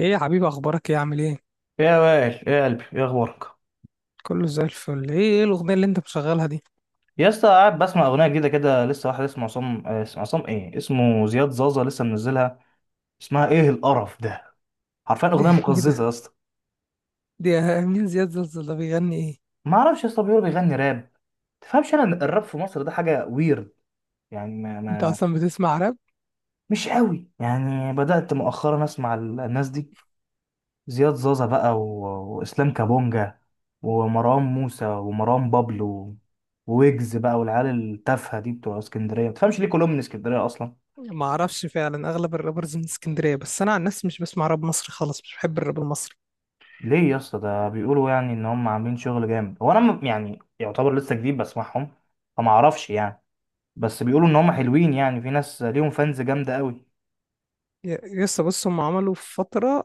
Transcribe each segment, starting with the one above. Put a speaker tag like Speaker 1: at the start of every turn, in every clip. Speaker 1: ايه يا حبيبي، اخبارك؟ ايه عامل ايه؟
Speaker 2: يا وائل يا قلبي يا اخبارك.
Speaker 1: كله زي الفل. ايه ايه الاغنيه اللي انت مشغلها دي؟
Speaker 2: يا اسطى، قاعد بسمع اغنيه جديده كده لسه، واحد اسمه عصام، اسمه عصام، ايه اسمه، زياد زازا لسه منزلها. اسمها ايه القرف ده؟ حرفيا اغنيه
Speaker 1: ايه
Speaker 2: مقززه
Speaker 1: ده
Speaker 2: يا اسطى.
Speaker 1: دي؟ مين زياد زلزال ده؟ بيغني ايه؟
Speaker 2: ما اعرفش يا اسطى، بيقول بيغني راب. تفهمش انا إن الراب في مصر ده حاجه ويرد، يعني ما,
Speaker 1: انت
Speaker 2: ما
Speaker 1: اصلا بتسمع راب؟
Speaker 2: مش قوي، يعني بدات مؤخرا اسمع الناس دي، زياد زازا بقى و... واسلام كابونجا، ومروان موسى، ومروان بابلو، ويجز بقى، والعيال التافهه دي، بتوع اسكندريه. ما تفهمش ليه كلهم من اسكندريه اصلا؟
Speaker 1: ما اعرفش فعلا، اغلب الرابرز من اسكندريه، بس انا عن نفسي مش بسمع راب مصري خالص، مش بحب الراب المصري.
Speaker 2: ليه يا اسطى؟ ده بيقولوا يعني ان هم عاملين شغل جامد. هو انا يعني يعتبر لسه جديد بسمعهم، فما اعرفش يعني. بس بيقولوا ان هم حلوين، يعني في ناس ليهم فانز جامده قوي.
Speaker 1: ي- يسا بص، هم عملوا في فتره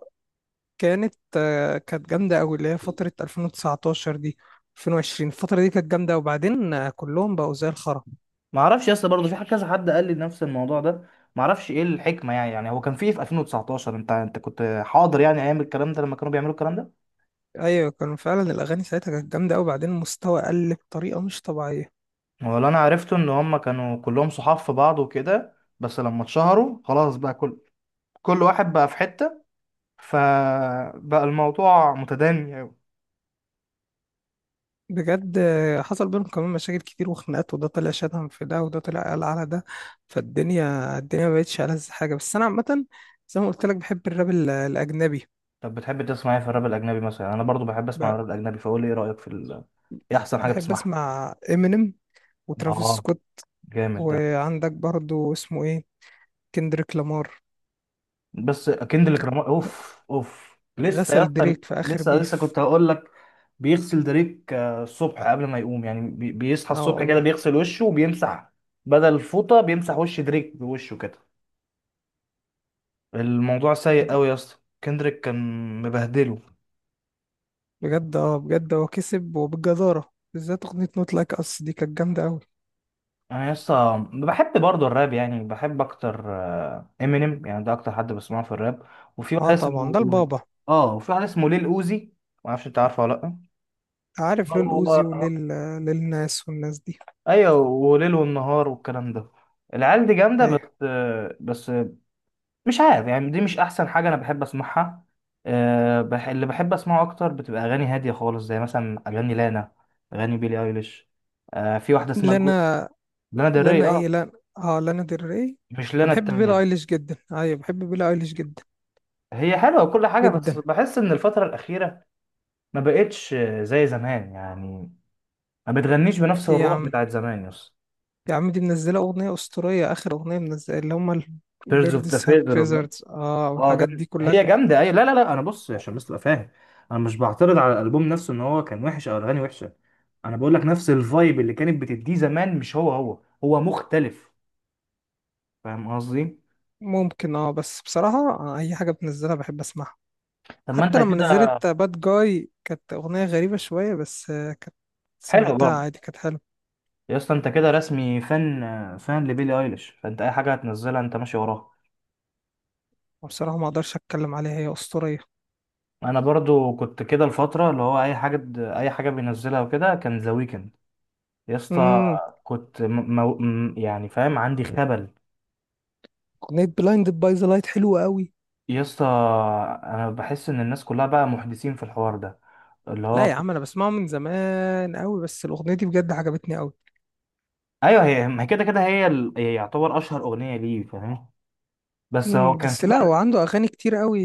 Speaker 1: كانت، كانت جامده قوي، اللي هي فتره 2019 دي، 2020، الفتره دي كانت جامده، وبعدين كلهم بقوا زي الخرا.
Speaker 2: ما اعرفش يا اسطى، برضه في كذا حد قال لي نفس الموضوع ده. ما اعرفش ايه الحكمه يعني. هو كان في إيه في 2019؟ انت كنت حاضر يعني ايام الكلام ده، لما كانوا بيعملوا الكلام ده؟
Speaker 1: ايوه، كانوا فعلا الاغاني ساعتها كانت جامده قوي، وبعدين المستوى قل بطريقه مش طبيعيه.
Speaker 2: ولا انا عرفته ان هم كانوا كلهم صحاب في بعض وكده، بس لما اتشهروا خلاص بقى كل واحد بقى في حته، فبقى الموضوع متدني.
Speaker 1: بجد، حصل بينهم كمان مشاكل كتير وخناقات، وده طلع شتم في ده، وده طلع قال على ده. فالدنيا ما بقتش ألذ حاجة. بس أنا عامة، زي ما قلت لك، بحب الراب الأجنبي.
Speaker 2: طب بتحب تسمع ايه في الراب الاجنبي مثلا؟ يعني انا برضو بحب اسمع
Speaker 1: ب-
Speaker 2: الراب الاجنبي، فقول لي ايه رايك في ايه احسن حاجه
Speaker 1: بحب
Speaker 2: بتسمعها؟
Speaker 1: أسمع إمينيم
Speaker 2: اه،
Speaker 1: وترافيس سكوت.
Speaker 2: جامد ده.
Speaker 1: وعندك برضو اسمه إيه، كندريك لامار.
Speaker 2: بس كندريك لامار، اوف اوف لسه يا
Speaker 1: غسل
Speaker 2: اسطى.
Speaker 1: دريك في آخر
Speaker 2: لسه
Speaker 1: بيف.
Speaker 2: كنت هقول لك. بيغسل دريك الصبح، قبل ما يقوم يعني، بيصحى
Speaker 1: اه
Speaker 2: الصبح كده
Speaker 1: والله.
Speaker 2: بيغسل وشه وبيمسح، بدل الفوطه بيمسح وش دريك بوشه كده. الموضوع سيء قوي يا اسطى. كندريك كان مبهدله.
Speaker 1: بجد، اه بجد، هو كسب وبالجدارة، بالذات أغنية نوت لايك أس دي كانت جامدة أوي.
Speaker 2: انا يسطا بحب برضه الراب، يعني بحب اكتر امينيم، يعني ده اكتر حد بسمعه في الراب. وفي واحد
Speaker 1: اه طبعا ده
Speaker 2: اسمه،
Speaker 1: البابا.
Speaker 2: اه، وفي واحد اسمه ليل اوزي. ما اعرفش انت عارفه ولا لا؟
Speaker 1: عارف ليه الأوزي وليه
Speaker 2: هو
Speaker 1: للناس والناس دي.
Speaker 2: ايوه، وليل والنهار والكلام ده. العيال دي جامده،
Speaker 1: ايوه.
Speaker 2: بس مش عارف يعني، دي مش احسن حاجه انا بحب اسمعها. اللي بحب اسمعه اكتر بتبقى اغاني هاديه خالص، زي مثلا اغاني لانا، اغاني بيلي ايليش. في واحده اسمها جو...
Speaker 1: لانا.
Speaker 2: لانا
Speaker 1: لانا
Speaker 2: دري،
Speaker 1: ايه؟
Speaker 2: اه.
Speaker 1: لانا. اه، لانا ديل ري.
Speaker 2: مش
Speaker 1: انا
Speaker 2: لانا
Speaker 1: بحب بيلا
Speaker 2: التانية.
Speaker 1: ايليش جدا. ايوه، بحب بيلا ايليش جدا.
Speaker 2: هي حلوة وكل حاجة، بس
Speaker 1: جدا.
Speaker 2: بحس إن الفترة الأخيرة ما بقتش زي زمان، يعني ما بتغنيش بنفس
Speaker 1: ايه يا
Speaker 2: الروح
Speaker 1: عم،
Speaker 2: بتاعت زمان يس.
Speaker 1: يا عم، دي منزله اغنيه اسطوريه. اخر اغنيه منزله اللي هم
Speaker 2: بيردز اوف ذا
Speaker 1: البيردز هاف
Speaker 2: فيذر،
Speaker 1: فيزرز، اه
Speaker 2: اه
Speaker 1: والحاجات
Speaker 2: جامد،
Speaker 1: دي كلها
Speaker 2: هي
Speaker 1: كانت.
Speaker 2: جامدة أيوة. لا لا لا، أنا بص عشان بس تبقى فاهم، أنا مش بعترض على الألبوم نفسه إن هو كان وحش أو الأغاني وحشة. أنا بقول لك نفس الفايب اللي كانت بتديه زمان مش هو، هو مختلف. فاهم قصدي؟
Speaker 1: ممكن، اه، بس بصراحه، اي حاجه بتنزلها بحب اسمعها.
Speaker 2: طب ما
Speaker 1: حتى
Speaker 2: أنت
Speaker 1: لما
Speaker 2: كده.
Speaker 1: نزلت باد جاي كانت اغنيه غريبه شويه، بس كانت،
Speaker 2: حلو
Speaker 1: سمعتها
Speaker 2: برضه.
Speaker 1: عادي، كانت حلوه.
Speaker 2: يا اسطى أنت كده رسمي فان فان لبيلي أيليش، فأنت أي حاجة هتنزلها أنت ماشي وراها.
Speaker 1: وبصراحه ما اقدرش اتكلم عليها، هي اسطوريه.
Speaker 2: انا برضو كنت كده الفتره، اللي هو اي حاجه بينزلها وكده، كان ذا ويكند يا اسطى.
Speaker 1: امم.
Speaker 2: كنت يعني فاهم عندي خبل.
Speaker 1: اغنيه بلايند باي ذا لايت حلوه قوي.
Speaker 2: يا اسطى، انا بحس ان الناس كلها بقى محدثين في الحوار ده، اللي
Speaker 1: لا
Speaker 2: هو
Speaker 1: يا
Speaker 2: كنت-
Speaker 1: عم انا بسمعه من زمان قوي، بس الاغنيه دي بجد عجبتني قوي.
Speaker 2: ايوه، هي ما هي كده كده، هي هي يعتبر اشهر اغنيه ليه، فاهم. بس هو
Speaker 1: امم.
Speaker 2: كان
Speaker 1: بس
Speaker 2: في
Speaker 1: لا، هو
Speaker 2: بقى.
Speaker 1: عنده اغاني كتير قوي.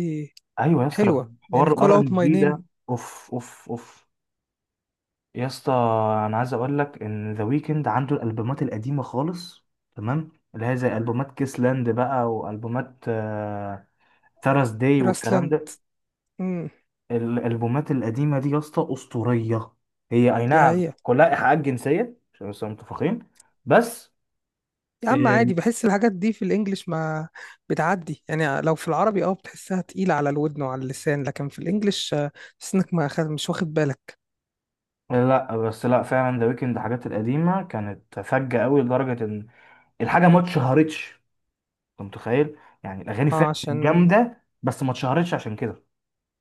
Speaker 2: ايوه يا اسطى،
Speaker 1: حلوه يعني
Speaker 2: حوار الار
Speaker 1: call out
Speaker 2: ان
Speaker 1: my
Speaker 2: بي
Speaker 1: name.
Speaker 2: ده، اوف اوف اوف. يا اسطى انا عايز اقول لك ان ذا ويكند عنده الالبومات القديمه خالص، تمام، اللي هي زي البومات كيسلاند بقى، والبومات ثراس داي والكلام ده.
Speaker 1: grassland. امم.
Speaker 2: الالبومات القديمه دي يا اسطى اسطوريه. هي اي
Speaker 1: دي
Speaker 2: نعم
Speaker 1: هي.
Speaker 2: كلها ايحاءات جنسيه عشان بس نبقى متفقين، بس.
Speaker 1: يا عم
Speaker 2: إيه،
Speaker 1: عادي، بحس الحاجات دي في الانجليش ما بتعدي. يعني لو في العربي اه بتحسها تقيله على الودن وعلى اللسان، لكن في الانجليش تحس انك ما خد... مش واخد بالك.
Speaker 2: لا بس لا، فعلا ذا ويكند الحاجات القديمه كانت فجه قوي، لدرجه ان الحاجه ما اتشهرتش، انت متخيل. يعني الاغاني
Speaker 1: اه
Speaker 2: فعلا
Speaker 1: عشان.
Speaker 2: جامده بس ما اتشهرتش عشان كده،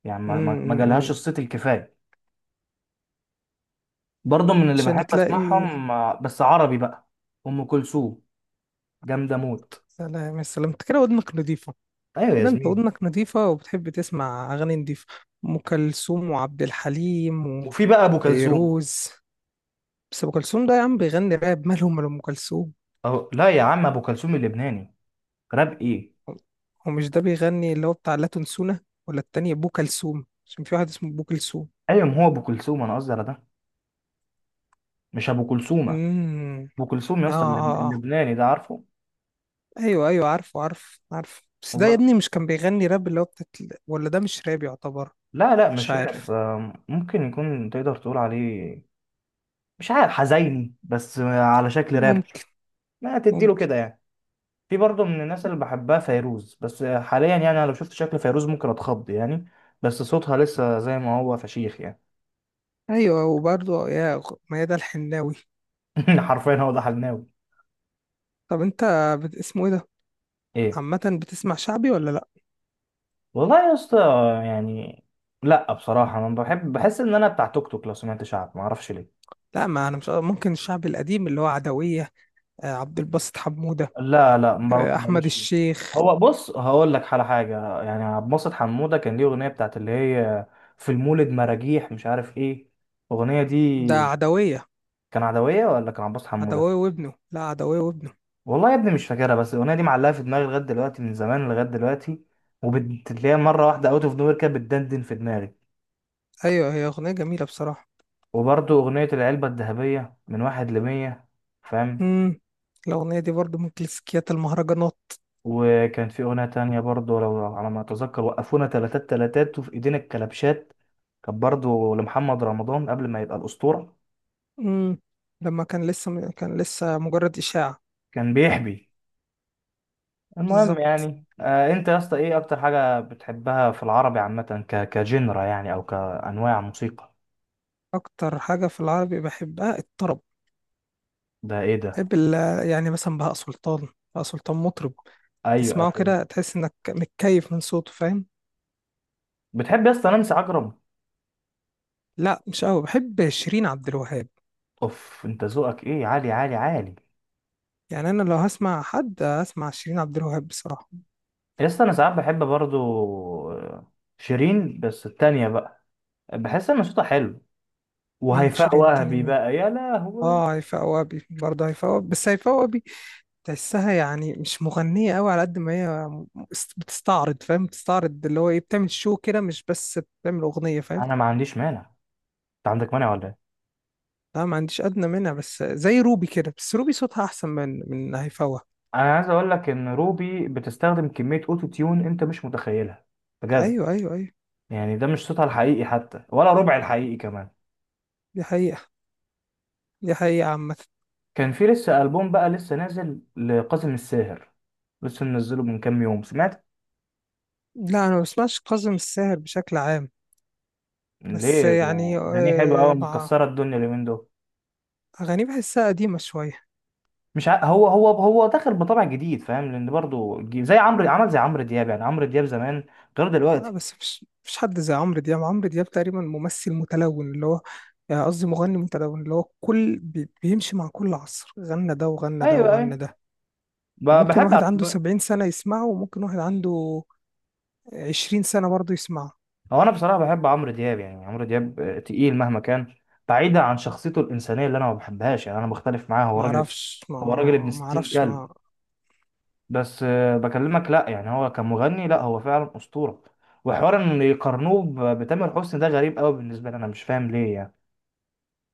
Speaker 2: يعني ما
Speaker 1: امم.
Speaker 2: جالهاش الصيت الكفايه. برضه من اللي
Speaker 1: عشان
Speaker 2: بحب
Speaker 1: تلاقي.
Speaker 2: اسمعهم، بس عربي بقى، ام كلثوم، جامده موت.
Speaker 1: سلام، يا سلام، إنت كده ودنك نضيفه.
Speaker 2: ايوه يا
Speaker 1: كده انت
Speaker 2: زميلي.
Speaker 1: ودنك نظيفة وبتحب تسمع أغاني نظيفة. أم كلثوم وعبد الحليم
Speaker 2: وفي بقى ابو كلثوم.
Speaker 1: وفيروز. بس أم كلثوم ده يا عم بيغني راب؟ مالهم من أم كلثوم؟
Speaker 2: أو لا يا عم، ابو كلثوم اللبناني، راب ايه؟
Speaker 1: هو مش ده بيغني اللي هو بتاع لا تنسونا؟ ولا التاني أبو كلثوم عشان في واحد اسمه أبو كلثوم.
Speaker 2: ايوه، ما هو ابو كلثوم انا قصدي على ده، مش ابو كلثومه.
Speaker 1: امم.
Speaker 2: ابو كلثوم يا
Speaker 1: آه,
Speaker 2: اسطى،
Speaker 1: آه آه
Speaker 2: اللبناني ده، عارفه؟
Speaker 1: أيوه أيوه، عارفه، عارف عارف، بس ده يا
Speaker 2: وب-
Speaker 1: ابني مش كان بيغني راب، اللي هو بتاعت. ولا ده مش راب يعتبر.
Speaker 2: لا لا،
Speaker 1: مش
Speaker 2: مش راب،
Speaker 1: عارف.
Speaker 2: ممكن يكون، تقدر تقول عليه مش عارف، حزيني بس على شكل راب،
Speaker 1: ممكن.
Speaker 2: ما تديله
Speaker 1: ممكن.
Speaker 2: كده يعني. في برضه من الناس اللي بحبها فيروز، بس حاليا يعني انا لو شفت شكل فيروز ممكن اتخض يعني، بس صوتها لسه زي ما هو فشيخ يعني.
Speaker 1: أيوه، وبرضه ميادة الحناوي.
Speaker 2: حرفيا هو ده حلناوي.
Speaker 1: طب انت اسمه ايه ده،
Speaker 2: ايه
Speaker 1: عامة بتسمع شعبي ولا لا؟
Speaker 2: والله يا اسطى، يعني، لا بصراحة انا بحب، بحس ان انا بتاع توك توك، لو سمعت شعب ما اعرفش ليه.
Speaker 1: لا، ما انا مش ممكن. الشعبي القديم اللي هو عدوية، عبد الباسط حمودة،
Speaker 2: لا لا، برضه
Speaker 1: احمد
Speaker 2: ماليش فيه.
Speaker 1: الشيخ.
Speaker 2: هو بص، هقول لك على حاجة. يعني عبد الباسط حمودة كان ليه اغنية بتاعت اللي هي في المولد مراجيح مش عارف ايه، الاغنية
Speaker 1: ده
Speaker 2: دي،
Speaker 1: عدوية.
Speaker 2: كان عدوية ولا كان عبد الباسط حمودة؟
Speaker 1: عدوية وابنه، لا عدوية وابنه.
Speaker 2: والله يا ابني مش فاكرها، بس الاغنيه دي معلقه في دماغي لغايه دلوقتي، من زمان لغايه دلوقتي، وبتلاقيها مره واحده اوت اوف نوير كده بتدندن في دماغي.
Speaker 1: ايوه، هي اغنية جميلة بصراحة.
Speaker 2: وبرضه اغنيه العلبه الذهبيه من واحد لمية، فاهم.
Speaker 1: امم. الاغنية دي برضو من كلاسيكيات المهرجانات.
Speaker 2: وكان في اغنيه تانية برضه، لو على ما اتذكر، وقفونا تلاتات تلاتات وفي ايدينا الكلبشات، كان برضه لمحمد رمضان قبل ما يبقى الاسطوره،
Speaker 1: امم. لما كان لسه، كان لسه مجرد إشاعة.
Speaker 2: كان بيحبي. المهم
Speaker 1: بالظبط.
Speaker 2: يعني، انت يا اسطى ايه اكتر حاجه بتحبها في العربي عامه، كجنرا يعني، او كانواع موسيقى؟
Speaker 1: اكتر حاجة في العربي بحبها الطرب.
Speaker 2: ده ايه ده؟
Speaker 1: بحب ال- يعني مثلا بهاء سلطان. بهاء سلطان مطرب
Speaker 2: ايوه،
Speaker 1: تسمعه كده تحس انك متكيف من صوته، فاهم؟
Speaker 2: بتحب يا اسطى نانسي عجرم؟
Speaker 1: لا، مش قوي، بحب شيرين عبد الوهاب.
Speaker 2: اوف، انت ذوقك ايه عالي عالي عالي.
Speaker 1: يعني انا لو هسمع حد هسمع شيرين عبد الوهاب بصراحه.
Speaker 2: يا اسطى انا ساعات بحب برضو، آه، شيرين بس التانية بقى، بحس ان صوتها حلو.
Speaker 1: مين
Speaker 2: وهيفاء
Speaker 1: شيرين التانية
Speaker 2: وهبي
Speaker 1: مين؟
Speaker 2: بقى يا لهوي.
Speaker 1: اه، هيفاء وهبي، برضه هيفاء وهبي، بس هيفاء وهبي تحسها يعني مش مغنيه قوي على قد ما هي، بتستعرض، فاهم؟ بتستعرض اللي هو ايه، بتعمل شو كده، مش بس بتعمل اغنيه، فاهم؟
Speaker 2: انا ما عنديش مانع، انت عندك مانع ولا ايه؟
Speaker 1: لا ما عنديش ادنى منها، بس زي روبي كده، بس روبي صوتها احسن من هيفاء وهبي.
Speaker 2: انا عايز اقول لك ان روبي بتستخدم كمية اوتو تيون انت مش متخيلها، بجد.
Speaker 1: ايوه ايوه ايوه.
Speaker 2: يعني ده مش صوتها الحقيقي حتى ولا ربع الحقيقي كمان.
Speaker 1: دي حقيقه. دي حقيقه عامه.
Speaker 2: كان في لسه ألبوم بقى، لسه نازل لقاسم الساهر، لسه منزله من كام يوم، سمعت.
Speaker 1: لا انا ما بسمعش كاظم الساهر بشكل عام. بس
Speaker 2: ليه ده؟
Speaker 1: يعني
Speaker 2: اغانيه حلوه قوي
Speaker 1: مع،
Speaker 2: مكسره الدنيا اليومين دول.
Speaker 1: أغانيه بحسها قديمة شوية.
Speaker 2: مش ع... هو هو داخل بطبع جديد، فاهم، لان برضو زي عمرو، عمل زي عمرو دياب، يعني عمرو دياب زمان غير
Speaker 1: لا،
Speaker 2: دلوقتي.
Speaker 1: بس مفيش حد زي عمرو دياب. عمرو دياب تقريبا ممثل متلون اللي هو، يعني قصدي مغني متلون، اللي هو كل بيمشي مع كل عصر، غنى ده وغنى ده
Speaker 2: ايوه
Speaker 1: وغنى
Speaker 2: ايوه،
Speaker 1: ده.
Speaker 2: ب...
Speaker 1: وممكن
Speaker 2: بحب
Speaker 1: واحد
Speaker 2: على-
Speaker 1: عنده
Speaker 2: ب...
Speaker 1: 70 سنة يسمعه، وممكن واحد عنده 20 سنة برضه يسمعه.
Speaker 2: هو انا بصراحه بحب عمرو دياب. يعني عمرو دياب تقيل مهما كان، بعيدا عن شخصيته الانسانيه اللي انا ما بحبهاش، يعني انا مختلف معاه، هو راجل،
Speaker 1: معرفش
Speaker 2: هو راجل ابن
Speaker 1: ما.
Speaker 2: 60
Speaker 1: معرفش
Speaker 2: كلب.
Speaker 1: ما.
Speaker 2: بس بكلمك، لا يعني، هو كمغني لا، هو فعلا اسطوره. وحوار ان يقارنوه بتامر حسني ده غريب قوي بالنسبه لي، انا مش فاهم ليه يعني.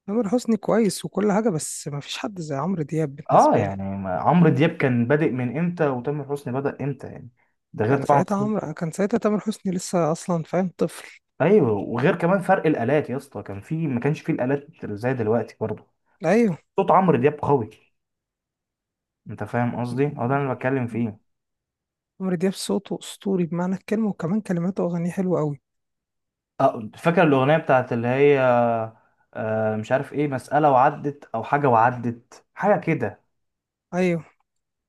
Speaker 1: تامر حسني كويس وكل حاجة، بس مفيش حد زي عمرو دياب
Speaker 2: اه
Speaker 1: بالنسبة لي.
Speaker 2: يعني عمرو دياب كان بادئ من امتى، وتامر حسني بدأ امتى يعني؟ ده غير
Speaker 1: كان
Speaker 2: طبعا.
Speaker 1: ساعتها عمرو، كان ساعتها تامر حسني لسه أصلا فاهم طفل.
Speaker 2: ايوه، وغير كمان فرق الالات يا اسطى، كان في، ما كانش في الالات زي دلوقتي برضه.
Speaker 1: أيوه.
Speaker 2: صوت عمرو دياب قوي، انت فاهم قصدي، هو ده اللي انا بتكلم فيه.
Speaker 1: عمرو دياب صوته اسطوري بمعنى الكلمه، وكمان كلماته واغانيه حلوه قوي.
Speaker 2: اه فاكر الاغنيه بتاعت اللي هي، مش عارف ايه، مساله وعدت او حاجه، وعدت حاجه كده،
Speaker 1: ايوه.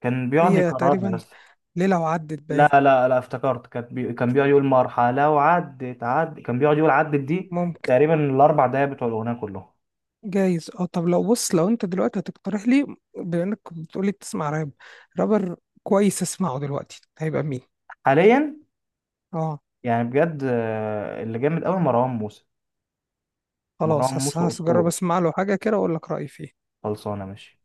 Speaker 2: كان بيقعد
Speaker 1: هي
Speaker 2: يكررها يا
Speaker 1: تقريبا
Speaker 2: اسطى.
Speaker 1: ليله وعدت
Speaker 2: لا
Speaker 1: باين.
Speaker 2: لا لا، افتكرت كان كان بيقعد يقول مرحله وعدت عدت، كان بيقعد يقول عدت دي
Speaker 1: ممكن.
Speaker 2: تقريبا الاربع دقايق بتوع الاغنيه كلهم.
Speaker 1: جايز. اه طب لو، بص لو انت دلوقتي هتقترح لي، بما انك بتقولي بتسمع راب، رابر كويس اسمعه دلوقتي هيبقى مين؟
Speaker 2: حاليا
Speaker 1: اه.
Speaker 2: يعني بجد، اللي جامد قوي مروان موسى. مروان
Speaker 1: خلاص،
Speaker 2: موسى
Speaker 1: هجرب
Speaker 2: اسطوره.
Speaker 1: اسمع له حاجه كده واقول لك رايي فيه.
Speaker 2: خلصانه ماشي.